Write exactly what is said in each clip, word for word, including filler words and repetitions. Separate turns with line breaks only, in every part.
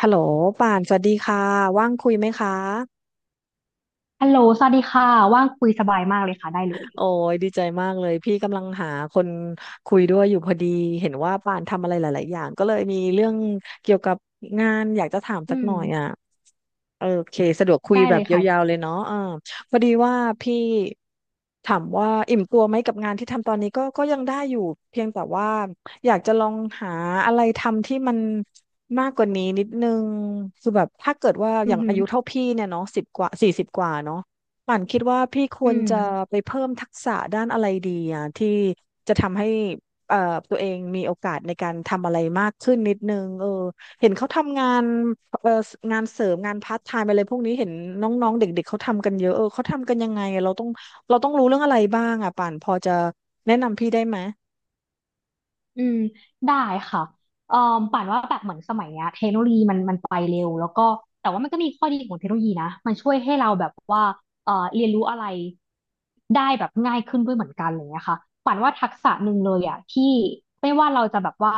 ฮัลโหลป่านสวัสดีค่ะว่างคุยไหมคะ
ฮัลโหลสวัสดีค่ะ ว่างคุยสบายมากเลยค่ะ ได้เลย
โอ้ยดีใจมากเลยพี่กำลังหาคนคุยด้วยอยู่พอดีเห็นว่าป่านทำอะไรหลาย ๆ อย่างก็เลยมีเรื่องเกี่ยวกับงานอยากจะถาม
อื
สักห
ม
น่อยอ่ะ โอเคสะดวกคุย
ได้
แบ
เล
บ
ย
ยาว
ค่ะ
ๆเลยเนาะอ่าพอดีว่าพี่ถามว่าอิ่มตัวไหมกับงานที่ทำตอนนี้ก็ก็ยังได้อยู่เพียงแต่ว่าอยากจะลองหาอะไรทำที่มันมากกว่านี้นิดนึงคือแบบถ้าเกิดว่า
อื
อย่า
อ
ง
หื
อา
อ
ยุเท่าพี่เนี่ยเนาะสิบกว่าสี่สิบกว่าเนาะป่านคิดว่าพี่ค
อื
วร
ม
จะไปเพิ่มทักษะด้านอะไรดีอ่ะที่จะทำให้เอ่อตัวเองมีโอกาสในการทำอะไรมากขึ้นนิดนึงเออ เห็นเขาทำงานเอ่องานเสริมงานพาร์ทไทม์อะไรพวกนี้เห็นน้องๆเด็กๆเขาทำกันเยอะ เออเขาทำกันยังไงอะเราต้องเราต้องรู้เรื่องอะไรบ้างอ่ะป่านพอจะแนะนำพี่ได้ไหม
อืมได้ค่ะเอ่อป่านว่าแบบเหมือนสมัยเนี้ยเทคโนโลยีมันมันไปเร็วแล้วก็แต่ว่ามันก็มีข้อดีของเทคโนโลยีนะมันช่วยให้เราแบบว่าเอ่อเรียนรู้อะไรได้แบบง่ายขึ้นด้วยเหมือนกันอะไรเงี้ยค่ะป่านว่าทักษะหนึ่งเลยอ่ะที่ไม่ว่าเราจะแบบว่า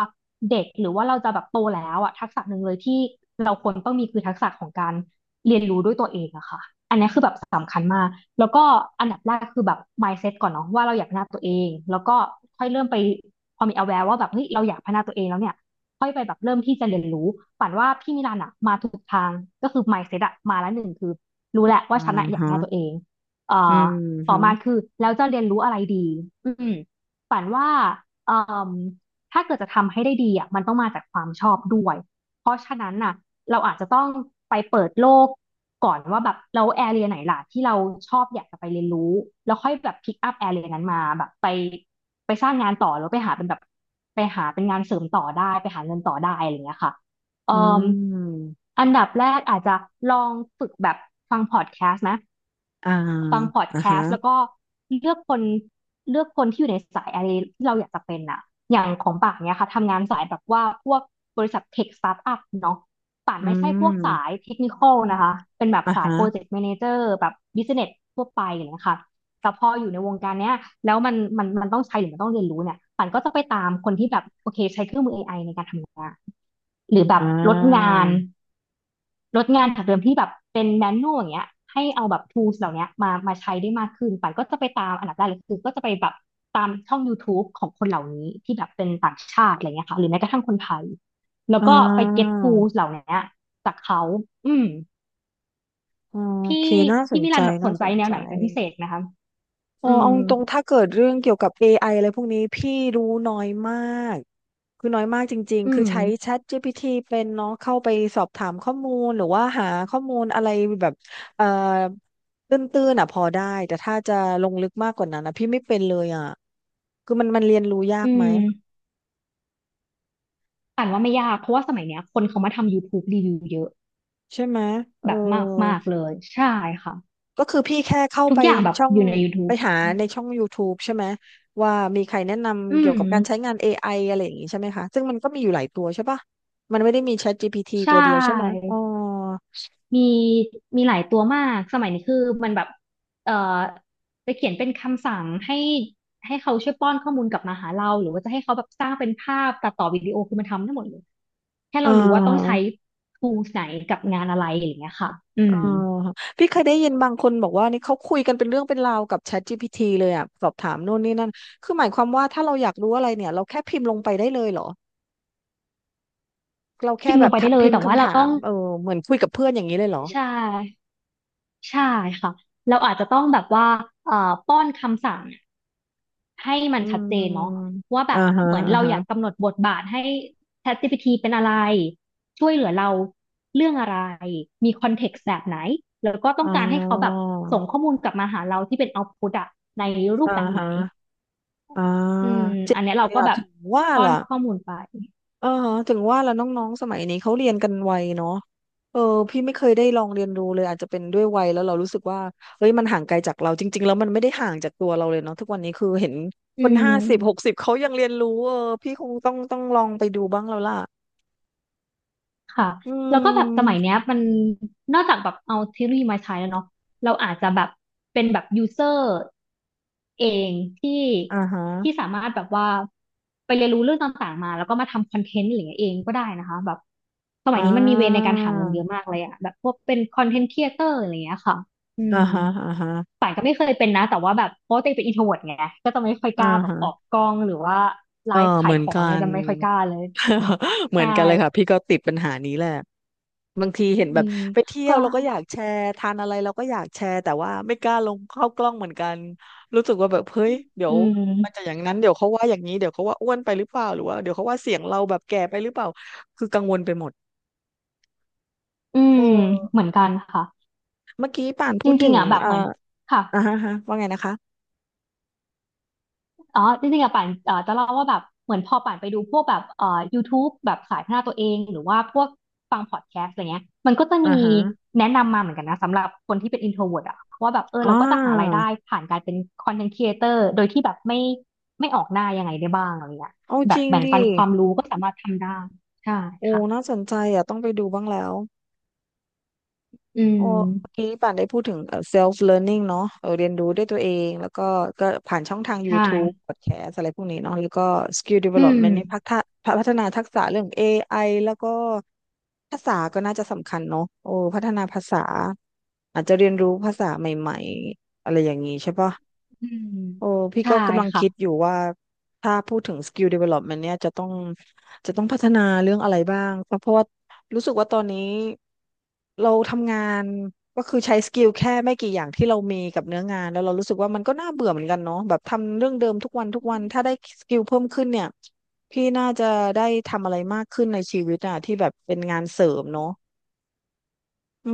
เด็กหรือว่าเราจะแบบโตแล้วอ่ะทักษะหนึ่งเลยที่เราควรต้องมีคือทักษะของการเรียนรู้ด้วยตัวเองอะค่ะอันนี้คือแบบสำคัญมากแล้วก็อันดับแรกคือแบบ mindset ก่อนเนาะว่าเราอยากพัฒนาตัวเองแล้วก็ค่อยเริ่มไป พอมี aware ว่าแบบเฮ้ยเราอยากพัฒนาตัวเองแล้วเนี่ยค่อยไปแบบเริ่มที่จะเรียนรู้ปั่นว่าพี่มิลันอะมาถูกทางก็คือ mindset อะมาแล้วหนึ่งคือรู้แหละว่า
อ่า
ฉันอะอยาก
ฮะ
พัฒนาตัวเองเอ่
อื
อ
ม
ต่
ฮึ
อมาคือแล้วจะเรียนรู้อะไรดีอืมปั่นว่าเอ่มถ้าเกิดจะทำให้ได้ดีอะมันต้องมาจากความชอบด้วย เพราะฉะนั้นน่ะเราอาจจะต้องไปเปิดโลกก่อนว่าแบบเราแอเรียไหนล่ะที่เราชอบอยากจะไปเรียนรู้แล้วค่อยแบบพิกอัพแอเรียนั้นมาแบบไปไปสร้างงานต่อหรือไปหาเป็นแบบไปหาเป็นงานเสริมต่อได้ไปหาเงินต่อได้อะไรอย่างเงี้ยค่ะเอ่
อื
ม
ม
อันดับแรกอาจจะลองฝึกแบบฟังพอดแคสต์นะ
อ่า
ฟังพอด
อ่า
แค
ฮะ
สต์แล้วก็เลือกคนเลือกคนที่อยู่ในสายอะไรที่เราอยากจะเป็นอะอย่างของป่านเนี่ยค่ะทำงานสายแบบว่าพวกบริษัทเทคสตาร์ทอัพเนาะป่าน
อื
ไม่ใช่พวกสาย
ม
เทคนิคอลนะคะเป็นแบบ
อ่า
สาย
ฮะ
โปรเจกต์แมเนเจอร์แบบบิสเนสทั่วไปอย่างเงี้ยค่ะแต่พออยู่ในวงการเนี้ยแล้วมันมันมันต้องใช้หรือมันต้องเรียนรู้เนี่ยป่านก็จะไปตามคนที่แบบโอเคใช้เครื่องมือ เอ ไอ ในการทำงานหรือแบ
อ่
บลดงา
า
น ลดงานจากเดิมที่แบบเป็นแมนนวลอย่างเงี้ยให้เอาแบบ tools เหล่าเนี้ยมามาใช้ได้มากขึ้นปันก็จะไปตามอันดับแรกเลยคือก็จะไปแบบตามช่อง YouTube ของคนเหล่านี้ที่แบบเป็นต่างชาติอะไรเงี้ยค่ะหรือแม้กระทั่งคนไทยแล้ว
อ่
ก็ไป get
า
tools เหล่าเนี้ยจากเขาอืม
โอ
พี่
เคน่าส
พี่
น
มิ
ใจ
ลันแบบส
น่า
นใจ
สน
แนว
ใจ
ไหนเป็นพิเศษนะคะ
อ๋อ
อืม
เอาตรงๆถ้าเกิดเรื่องเกี่ยวกับ เอ ไอ อไออะไรพวกนี้พี่รู้น้อยมากคือน้อยมากจริง
อื
ๆคือ
ม
ใช้ ChatGPT เป็นเนาะเข้าไปสอบถามข้อมูลหรือว่าหาข้อมูลอะไรแบบเอ่อตื้นๆอ่ะพอได้แต่ถ้าจะลงลึกมากกว่านั้นนะพี่ไม่เป็นเลยอ่ะคือมันมันเรียนรู้ยา
อื
กไหม
มอ่านว่าไม่ยากเพราะว่าสมัยเนี้ยคนเขามาทำ YouTube รีวิวเยอะ
ใช่ไหมเออ
แบบมากมากเลยใช่ค่ะ
ก็คือพี่แค่เข้า
ทุก
ไป
อย่างแบบ
ช่อง
อยู่ใน
ไป
YouTube
หาในช่อง YouTube ใช่ไหมว่ามีใครแนะ
อื
นำเกี่ยวกับ
ม
การใช้งาน เอ ไอ อไออะไรอย่างงี้ใช่ไหมคะซึ่งมันก็มีอยู่หลายตัวใช่ปะมันไม่ได้มี ChatGPT
ใช่
ตัวเดียวใช่ไหมอ๋อ
มีมีหลายตัวมาก สมัยนี้คือมันแบบเอ่อจะเขียนเป็นคำสั่งให้ให้เขาช่วยป้อนข้อมูลกลับมาหาเราหรือว่าจะให้เขาแบบสร้างเป็นภาพตัดต่อวิดีโอคือมันทำได้หมดเลยแค่
อ่
เรารู้ว่าต้อง
า
ใช้ tools ไหนกับงานอะไรอย่างเงี้ยค่ะอื
อ่า
ม
พี่เคยได้ยินบางคนบอกว่านี่เขาคุยกันเป็นเรื่องเป็นราวกับ ChatGPT เลยอ่ะสอบถามโน่นนี่นั่นคือหมายความว่าถ้าเราอยากรู้อะไรเนี่ยเราแค่พิมพ์ลงไปได้เลยเหรอเรา
พิ
แค่
มพ์
แบ
ลง
บ
ไป
ถา
ได้
ม
เลย
พิม
แต่
พ์
ว่า
คำ
เรา
ถา
ต้อ
ม
ง
เออเหมือนคุยกับเพื่อนอย่างนี้เลยเหรอ
ใช่ใช่ค่ะเราอาจจะต้องแบบว่าเอ่อป้อนคำสั่ง ให้มัน
อื
ชัดเจ
ม
นเนาะว่าแบ
อ่า
บ
ฮะ
เหมือน
อ่า
เราอยาก
ฮะ
กำหนดบทบาทให้ ChatGPT เป็นอะไรช่วยเหลือเราเรื่องอะไรมีคอนเท็กซ์แบบไหนแล้วก็ต้อ
อ๋
ง
อ
การให้เขาแบบส่งข้อมูลกลับมาหาเราที่เป็นเอาต์พุตอะในรูป
อ่า
แบบไห
ฮะ
น
อ่า
อืม
เจ๋
อัน
ง
เนี้ย
เล
เรา
ย
ก็
อ่ะ
แบบ
ถึงว่า
ป้อน
ล่ะ
ข้อมูลไป
อ่าฮะถึงว่าล่ะน้องๆสมัยนี้เขาเรียนกันไวเนาะเออพี่ไม่เคยได้ลองเรียนรู้เลยอาจจะเป็นด้วยวัยแล้วเรารู้สึกว่าเฮ้ยมันห่างไกลจากเราจริงๆแล้วมันไม่ได้ห่างจากตัวเราเลยเนาะทุกวันนี้คือเห็นค
อื
นห้าสิบหก
ม
สิบเขายังเรียนรู้เออพี่คงต้องต้องลองไปดูบ้างแล้วล่ะ
ค่ะ
อื
แล้วก็แบบสมัย
ม
เนี้ยมันนอกจากแบบเอาเทคโนโลยีมาใช้แล้วเนาะเราอาจจะแบบเป็นแบบยูเซอร์เองที่
อ่าฮะ
ที่สามารถแบบว่าไปเรียนรู้เรื่องต่างๆมาแล้วก็มาทำคอนเทนต์อะไรอย่างเงี้ยเองก็ได้นะคะแบบสมัย
อ่
นี้มันมีเวในกา
า
รหาเงินเยอะมากเลยอะแบบพวกเป็นคอนเทนต์ครีเอเตอร์อะไรอย่างเงี้ยค่ะอื
อ่า
ม
ฮะอ่าฮะ
ป่านก็ไม่เคยเป็นนะแต่ว่าแบบเพราะว่าตัวเองเป็นอินโทรเวิร์ตไงก็จะไม่ค่อยก
อ่า
ล้าแบบ
ฮะ
ออกกล้องหรือว่าไล
เออ
ฟ์ขา
เห
ย
มือ
ข
น
อง
กั
เนี่ย
น
จะไม่ค่อยกล้าเลย
เหมื
ใช่
อนกันเลยค่ะพี่ก็ติดปัญหานี้แหละ บางทีเห็นแบ
อื
บ
ม
ไปเที่ย
ก็
วเราก็อยากแชร์ทานอะไรเราก็อยากแชร์แต่ว่าไม่กล้าลงเข้ากล้องเหมือนกันรู้สึกว่าแบบเฮ้ยเดี๋ย
อื
วมันจะ
ม
อย่างนั้นเดี๋ยวเขาว่าอย่างนี้เดี๋ยวเขาว่าอ้วนไปหรือเปล่าหรือว่าเดี๋ยวเขาว่าเสียงเราแบบแก่ไปหรือเปล่าคือกังวลไปหมด
อื
เอ
ม เหมื
้
อนกันค่ะ
เมื่อกี้ป่าน
จ
พูด
ริ
ถึ
ง
ง
ๆอ่ะแบบ
อ่า
เหมือน ค่ะ
อ่าฮะฮะว่าไงนะคะ
อ๋อ จริงๆอ่ะป่านเอ่อจะเล่าว่าแบบ เหมือนพอป่านไปดูพวกแบบเอ่อ YouTube แบบสายพัฒนาตัวเอง หรือว่าพวกฟังพอดแคสต์อะไรเงี้ย มันก็จะ
อ่า
มี
ฮะ
แนะนำมาเหมือนกันนะสำหรับคนที่เป็น introvert อ่ะว่าแบบเออเรา
อ่า
ก็จะหารายได้ผ่านการเป็น content creator โดยที่แบบไม่ไม่ออกหน้ายังไงได้บ้างอะไรเงี้ย
เอา
แบ
จ
บ
ริง
แบ่งปั
ดิ
นความรู้ก็สามารถทำได้ใช่
โอ้
ค่ะ
น่าสนใจอ่ะต้องไปดูบ้างแล้ว
อื
โอ้
ม
เมื่อกี้ป่านได้พูดถึงเอ่อ self learning เนาะเออเรียนรู้ด้วยตัวเองแล้วก็ก็ผ่านช่องทาง
ใช่
YouTube podcast อะไรพวกนี้เนาะแล้วก็ skill
อืม
development นี่พัฒนาพัฒนาทักษะเรื่อง เอ ไอ แล้วก็ภาษาก็น่าจะสำคัญเนาะโอ้ พัฒนาภาษาอาจจะเรียนรู้ภาษาใหม่ๆอะไรอย่างนี้ใช่ปะ
อืม
โอ้พี่
ใช่
ก็กำลังคิดอ
ค่ะ
ยู่ว่าถ้าพูดถึง skill development เนี่ยจะต้องจะต้องพัฒนาเรื่องอะไรบ้างเพราะเพราะว่ารู้สึกว่าตอนนี้เราทำงานก็คือใช้สกิลแค่ไม่กี่อย่างที่เรามีกับเนื้องานแล้วเรารู้สึกว่ามันก็น่าเบื่อเหมือนกันเนาะแบบทำเรื่องเดิมทุกวันทุกวันถ้าได้สกิลเพิ่มขึ้นเนี่ยพี่น่าจะได้ทำอะไรมากขึ้นในชีวิตอะที่แบบเป็นงานเสริมเนาะอื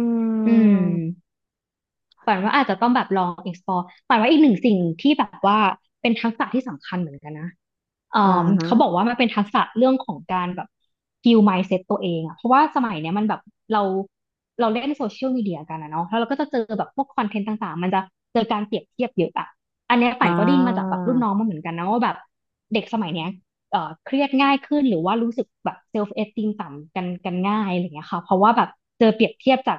อื
ม
มฝันว่าอาจจะต้องแบบลอง explore ฝันว่าอีกหนึ่งสิ่งที่แบบว่าเป็นทักษะที่สำคัญเหมือนกันนะเอ่
อ่า
อ
ฮะ
เขาบอกว่ามันเป็นทักษะเรื่องของการแบบ heal mindset ตัวเองอะเพราะว่าสมัยเนี้ยมันแบบเราเราเล่นโซเชียลมีเดียกันนะเนาะแล้วเราก็จะเจอแบบพวกคอนเทนต์ต่างๆมันจะเจอการเปรียบเทียบเยอะอะอันเนี้ยฝั
อ่
นก็ได้ยินมาจากแบ
า
บรุ่นน้องมาเหมือนกันนะว่าแบบเด็กสมัยเนี้ย เอ่อเครียดง่ายขึ้นหรือว่ารู้สึกแบบเซลฟ์เอสติมต่ำกันกันง่ายอะไรอย่างเงี้ยค่ะเพราะว่าแบบเจอเปรียบเทียบจาก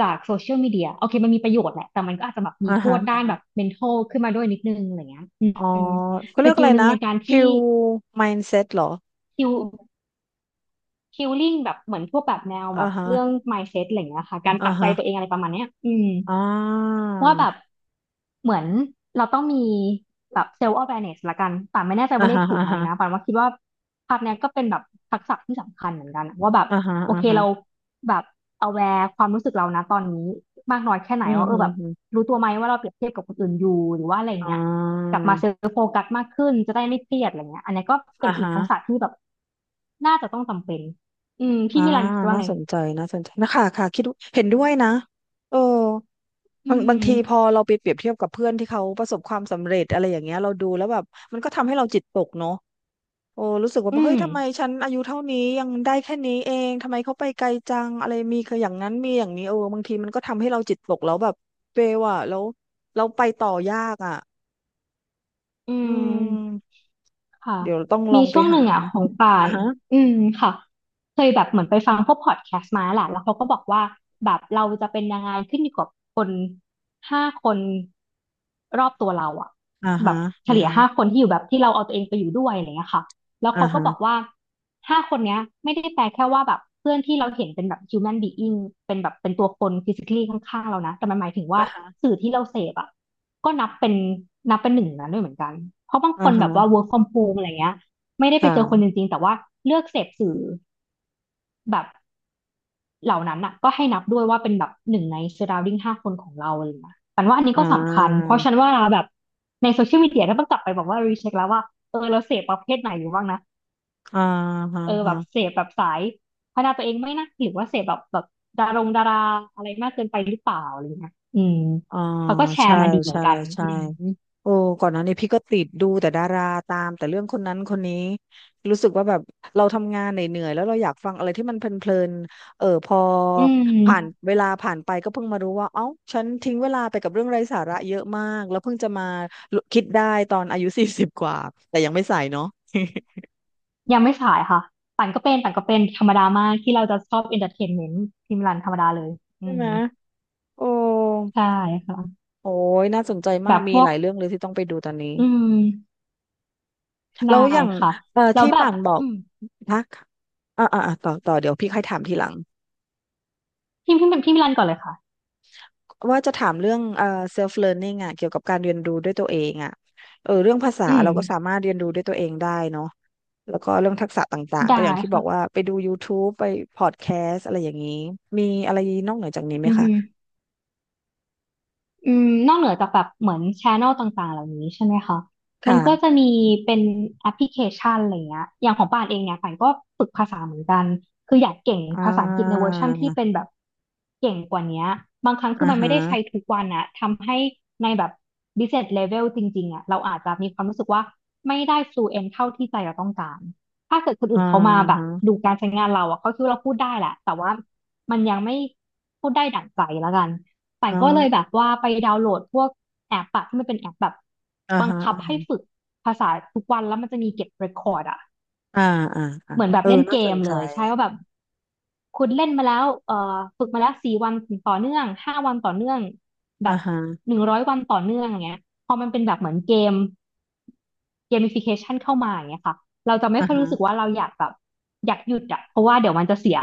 จากโซเชียลมีเดียโอเคมันมีประโยชน์แหละแต่มันก็อาจจะแบบมี
อ่า
โท
ฮะ
ษด้านแบบ mental ขึ้นมาด้วยนิดนึงอะไรเงี้ยอื
อ๋อ
ม
ก็
ส
เรียกอะ
กิล
ไร
หนึ่ง
นะ
ในการ
คิ
ที่
ว mindset เหรอ
คิวคิวลิ่งแบบเหมือนพวกแบบแนว
อ่า
แบบ
ฮะ
เรื่อง mindset อะไรเงี้ยค่ะการป
อ่า
รับใจ
ฮะ
ตัวเองอะไรประมาณเนี้ยอืม
อ่า
ว่าแบบเหมือนเราต้องมีแบบเซลล์ awareness ละกันป่านไม่แน่ใจ
อ่า
ว่าเลข
ฮะ
ถูก
อ่า
ไหม
ฮะ
นะป่านว่าคิดว่าภาพเนี้ยก็เป็นแบบทักษะที่สำคัญเหมือนกันอะว่าแบบ
อ่าฮะ
โอ
อ่า
เค
ฮะ
เราแบบ aware ความรู้สึกเรานะตอนนี้มากน้อยแค่ไหน
อืม
ว่าเอ
อื
อ
ม
แบบ
อืม
รู้ตัวไหมว่าเราเปรียบเทียบกับคนอื่นอยู่หรือว่าอะไรอย่าง
อ่
เงี้ยก
า
ลับมาเซลฟ์โฟกัสมากขึ้นจะได้ไม่เครียดอะไรเงี้ยอันนี้ก็เป็น
อ่า
อีก
ฮะ
ทักษะที่แบบน่าจะต้องจำเป็นอืม
อ่า
พี่มิลันคิดว่า
น่า
ไง
สนใจน่าสนใจนะคะค่ะคิดเห็นด้วยนะเออ
อื
บางบาง
ม
ทีพอเราไปเปรียบเทียบกับเพื่อนที่เขาประสบความสำเร็จอะไรอย่างเงี้ยเราดูแล้วแบบมันก็ทำให้เราจิตตกเนาะ โอ้รู้สึกว่า
อื
เฮ้ย
ม
ทำไมฉันอายุเท่านี้ยังได้แค่นี้เองทำไมเขาไปไกลจังอะไรมีคืออย่างนั้นมีอย่างนี้เออบางทีมันก็ทำให้เราจิตตกแล้วแบบเฟลอ่ะแล้วเราไปต่อยากอ่ะ
อื
อื
ม
ม
ค่ะ
เดี๋ยวต้องลอ
มี
งไป
ช่วงห
หา
นึ่งอ่ะของป่า
อ่า
น
ฮะ
อืมค่ะเคยแบบเหมือนไปฟังพวกพอดแคสต์มาแหละแล้วเขาก็บอกว่าแบบเราจะเป็นยังไงขึ้นอยู่กับคนห้าคนรอบตัวเราอ่ะ
อ่า
แบ
ฮะ
บเฉ
อ่า
ลี่ย
ฮะ
ห้าคนที่อยู่แบบที่เราเอาตัวเองไปอยู่ด้วยอะไรเงี้ยค่ะแล้ว
อ่า
เขาก็
ฮะ
บอกว่าห้าคนเนี้ยไม่ได้แปลแค่ว่าแบบเพื่อนที่เราเห็นเป็นแบบ human being เป็นแบบเป็นตัวคน physically ข้างๆเรานะแต่มันหมายถึงว่า
อ่าฮะ
สื่อที่เราเสพอ่ะ ก็นับเป็นนับเป็นหนึ่งนั้นด้วยเหมือนกัน เพราะบาง
อ่า
คนแบบว่า
ฮะ
work from home อะไรเงี้ยไม่ได้ไป
ค่ะ
เจอคนจริงๆแต่ว่าเลือกเสพสื่อแบบเหล่านั้นอ่ะก็ให้นับด้วยว่าเป็นแบบหนึ่งใน surrounding ห้าคนของเราอะไรเลยนะปันว่าอันนี้
อ่
ก็สำคัญ
า
เพราะฉันว่าแบบในโซเชียลมีเดียก็ต้องกลับไปแบบว่ารีเช็คแล้วว่าเออเราเสพประเภทไหนอยู่บ้างนะ
อ่า
เออแบ
ฮะ
บเสพแบบสายพัฒนาตัวเองไหม่นะหรือว่าเสพแบบแบบดารงดาราอะไรมากเกินไปหรือเปล่าอะไรเงี้ยอืม
อ่า
เขาก็แช
ใช่
ร์มาดีเหมือ
ใช่
นกัน
ใช่
อืม
โอ้ก่อนหน้านี้พี่ก็ติดดูแต่ดาราตามแต่เรื่องคนนั้นคนนี้รู้สึกว่าแบบเราทำงานเหนื่อยๆแล้วเราอยากฟังอะไรที่มันเพลินๆเออพอ
อื
ผ่าน
ม
เวลาผ่านไปก็เพิ่งมารู้ว่าเอ้าฉันทิ้งเวลาไปกับเรื่องไร้สาระเยอะมากแล้วเพิ่งจะมาคิดได้ตอนอายุ สี่สิบกว่าแต่ยังไม่ใส่เนาะ
ยังไม่สายค่ะ ปั่นก็เป็นปั่นก็เป็นธรรมดามากที่เราจะชอบ e n นเตอร์เทนเมน์ทีมิลนธรรมดาเลย
ใช่
อื
ไห
ม
มโอ้
ใช่ค่ะ
โอ้ยน่าสนใจ
แบ
มาก
บ
มี
พว
ห
ก
ลายเรื่องเลยที่ต้องไปดูตอนนี้
อืม
แล้
ได้
วอย่าง
ค่ะ
เอ่อ
แล้ว
ที่
แบบ
ป่านบอก
อืม
นะอ่าอ่าอ่าต่อต่อเดี๋ยวพี่ค่อยถามทีหลัง
พี่พี่พี่มิลันก่อนเลยค่ะ
ว่าจะถามเรื่องเอ่อ self learning อ่ะเกี่ยวกับการเรียนรู้ด้วยตัวเองอ่ะเออเรื่องภาษา
อืม
เราก็สามารถเรียนรู้ด้วยตัวเองได้เนาะแล้วก็เรื่องทักษะต่างๆก็
ได้
อย่างที่บอ
ค่ะ
กว่าไปดู ยูทูป ไปพอดแคสต์อะไรอย่างนี้ มีอะไรนอกเหนือจากนี้ไหม
อือ
คะ
ฮึ อืมนอกเหนือจากแบบเหมือนช n นลต่างๆเหล่านี้ใช่ไหมคะ มันก็จะ
ค่ะ
มีเป็นแอปพลิเคชันอะไรเงี้ยอย่างของป่านเองเนี่ยป่านก็ฝึกภาษาเหมือนกัน คืออยากเก่ง
อ่
ภาษาอังกฤษในเวอ
า
ร์ชั่นที่เป็นแบบเก่งกว่าเนี้ยบางครั้งคื
อ่า
อมันไม่
ฮะ
ได้ใช้ทุกวันอะทำให้ในแบบ business level จริงๆอะเราอาจจะมีความรู้สึกว่าไม่ได้ fluent เท่าที่ใจเราต้องการถ้าเกิดคน
อ่า
อื่นเขามาแบบดู
ฮะ
การใช้งานเราอะเขาคิดว่าเราพูดได้แหละแต่ว่ามันยังไม่พูดได้ดั่งใจแล้วกัน ป่า
อ
นก็เลยแบ
่า
บว่าไปดาวน์โหลดพวกแอปอะที่มันเป็นแอปแบบ
อ่า
บัง
ฮะ
คับ
อ่า
ให้
ฮะ
ฝึกภาษาทุกวันแล้วมันจะมีเก็บเรคคอร์ดอะ
อ่าอ่าอ่า
เหมือนแบ
เอ
บ
อ
เล่น
น่า
เก
สน
ม
ใจ
เลยใช่ว่าแบบ คุณเล่นมาแล้วเอ่อฝึกมาแล้วสี่วันต่อเนื่องห้าวันต่อเนื่องแบ
อ่า
บ
ฮะ
หนึ่งร้อยวันต่อเนื่องอย่างเงี้ยพอมันเป็นแบบเหมือนเกมเกม i ฟิเคชันเข้ามาอย่างเงี้ยค่ะเราจะไม่
อ่า
ค่อย
ฮะ
รู้สึกว่าเราอยากแบบอยากหยุดอะเพราะว่าเดี๋ยวมันจะเสีย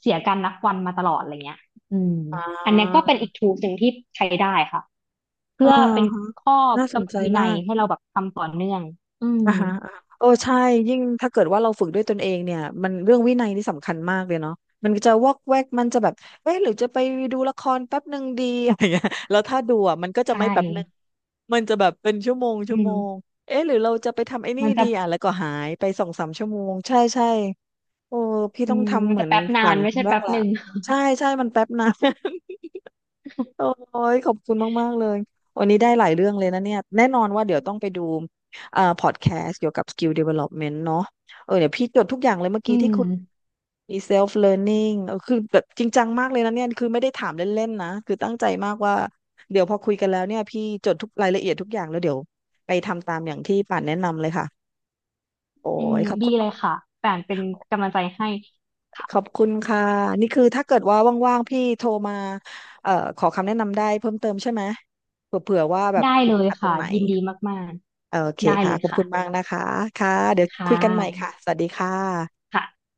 เสียการนับวันมาตลอดอะไรเงี้ยอืม
อ่
อันเนี้ยก็เป็นอีก
า
t o o l หนึ่งที่ใช้ได้ค่ะ
อ่า
เพื่อเป็น
ฮะ
ข้อ
น่าส
กำ
น
หน
ใจ
ดวินั
มา
ย
ก
ให้เราแบบทำต่อเนื่องอืม
อ่าฮะอ่าฮะโอ้ใช่ยิ่งถ้าเกิดว่าเราฝึกด้วยตนเองเนี่ยมันเรื่องวินัยนี่สำคัญมากเลยเนาะมันจะวอกแวกมันจะแบบเอ๊ะหรือจะไปดูละครแป๊บหนึ่งดี อะไรเงี้ยแล้วถ้าดูอ่ะมันก็จะ
ใช่
ไม่แป๊บหนึ่งมันจะแบบเป็นชั่วโมง
อื
ชั่วโม
ม
งเอ๊ะหรือเราจะไปทำไอ้นี่
มันจะ
ดีอ่ะแล้วก็หายไปสองสามชั่วโมงใช่ใช่โอ้พี่
อื
ต้อง
ม
ทำ
มัน
เหมื
จะ
อน
แป๊บนา
ฝั
น
น
ไม่ใช่
บ้า
แป๊
ง
บ
ละ
หนึ่ง
ใช่ใช่มันแป๊บนะ โอ้ยขอบคุณมากๆเลยวันนี้ได้หลายเรื่องเลยนะเนี่ยแน่นอนว่าเดี๋ยวต้องไปดูเอ่อพอดแคสต์เกี่ยวกับ สกิล ดีเวลอปเมนต์ เนาะเออเดี๋ยวพี่จดทุกอย่างเลยเมื่อ
อื
กี้ที่
ม
คุณมี self learning เออคือแบบจริงจังมากเลยนะเนี่ยคือไม่ได้ถามเล่นๆนะคือตั้งใจมากว่าเดี๋ยวพอคุยกันแล้วเนี่ยพี่จดทุกรายละเอียดทุกอย่างแล้วเดี๋ยวไปทำตามอย่างที่ป่านแนะนำเลยค่ะโอ้
อืม
ยขอบ
ดี
คุณ
เลยค่ะแป่นเป็นกำลังใจให้
ขอบ
ค่ะ
คุณค่ะนี่คือถ้าเกิดว่าว่างๆพี่โทรมาเอ่อขอคำแนะนำได้เพิ่มเติมใช่ไหมเผื่อๆว่าแบบ
ได้
ติ
เล
ด
ย
ขัดตรง
ค่ะ
ไหน
ยินดีมาก
โอเค
ๆได้
ค่ะ
เลย
ขอบ
ค่ะ
คุณมากนะคะค่ะเดี๋ยว
ค่
คุยกันใหม่ค่ะ
ะ
สวัสดีค่ะ
ค่ะ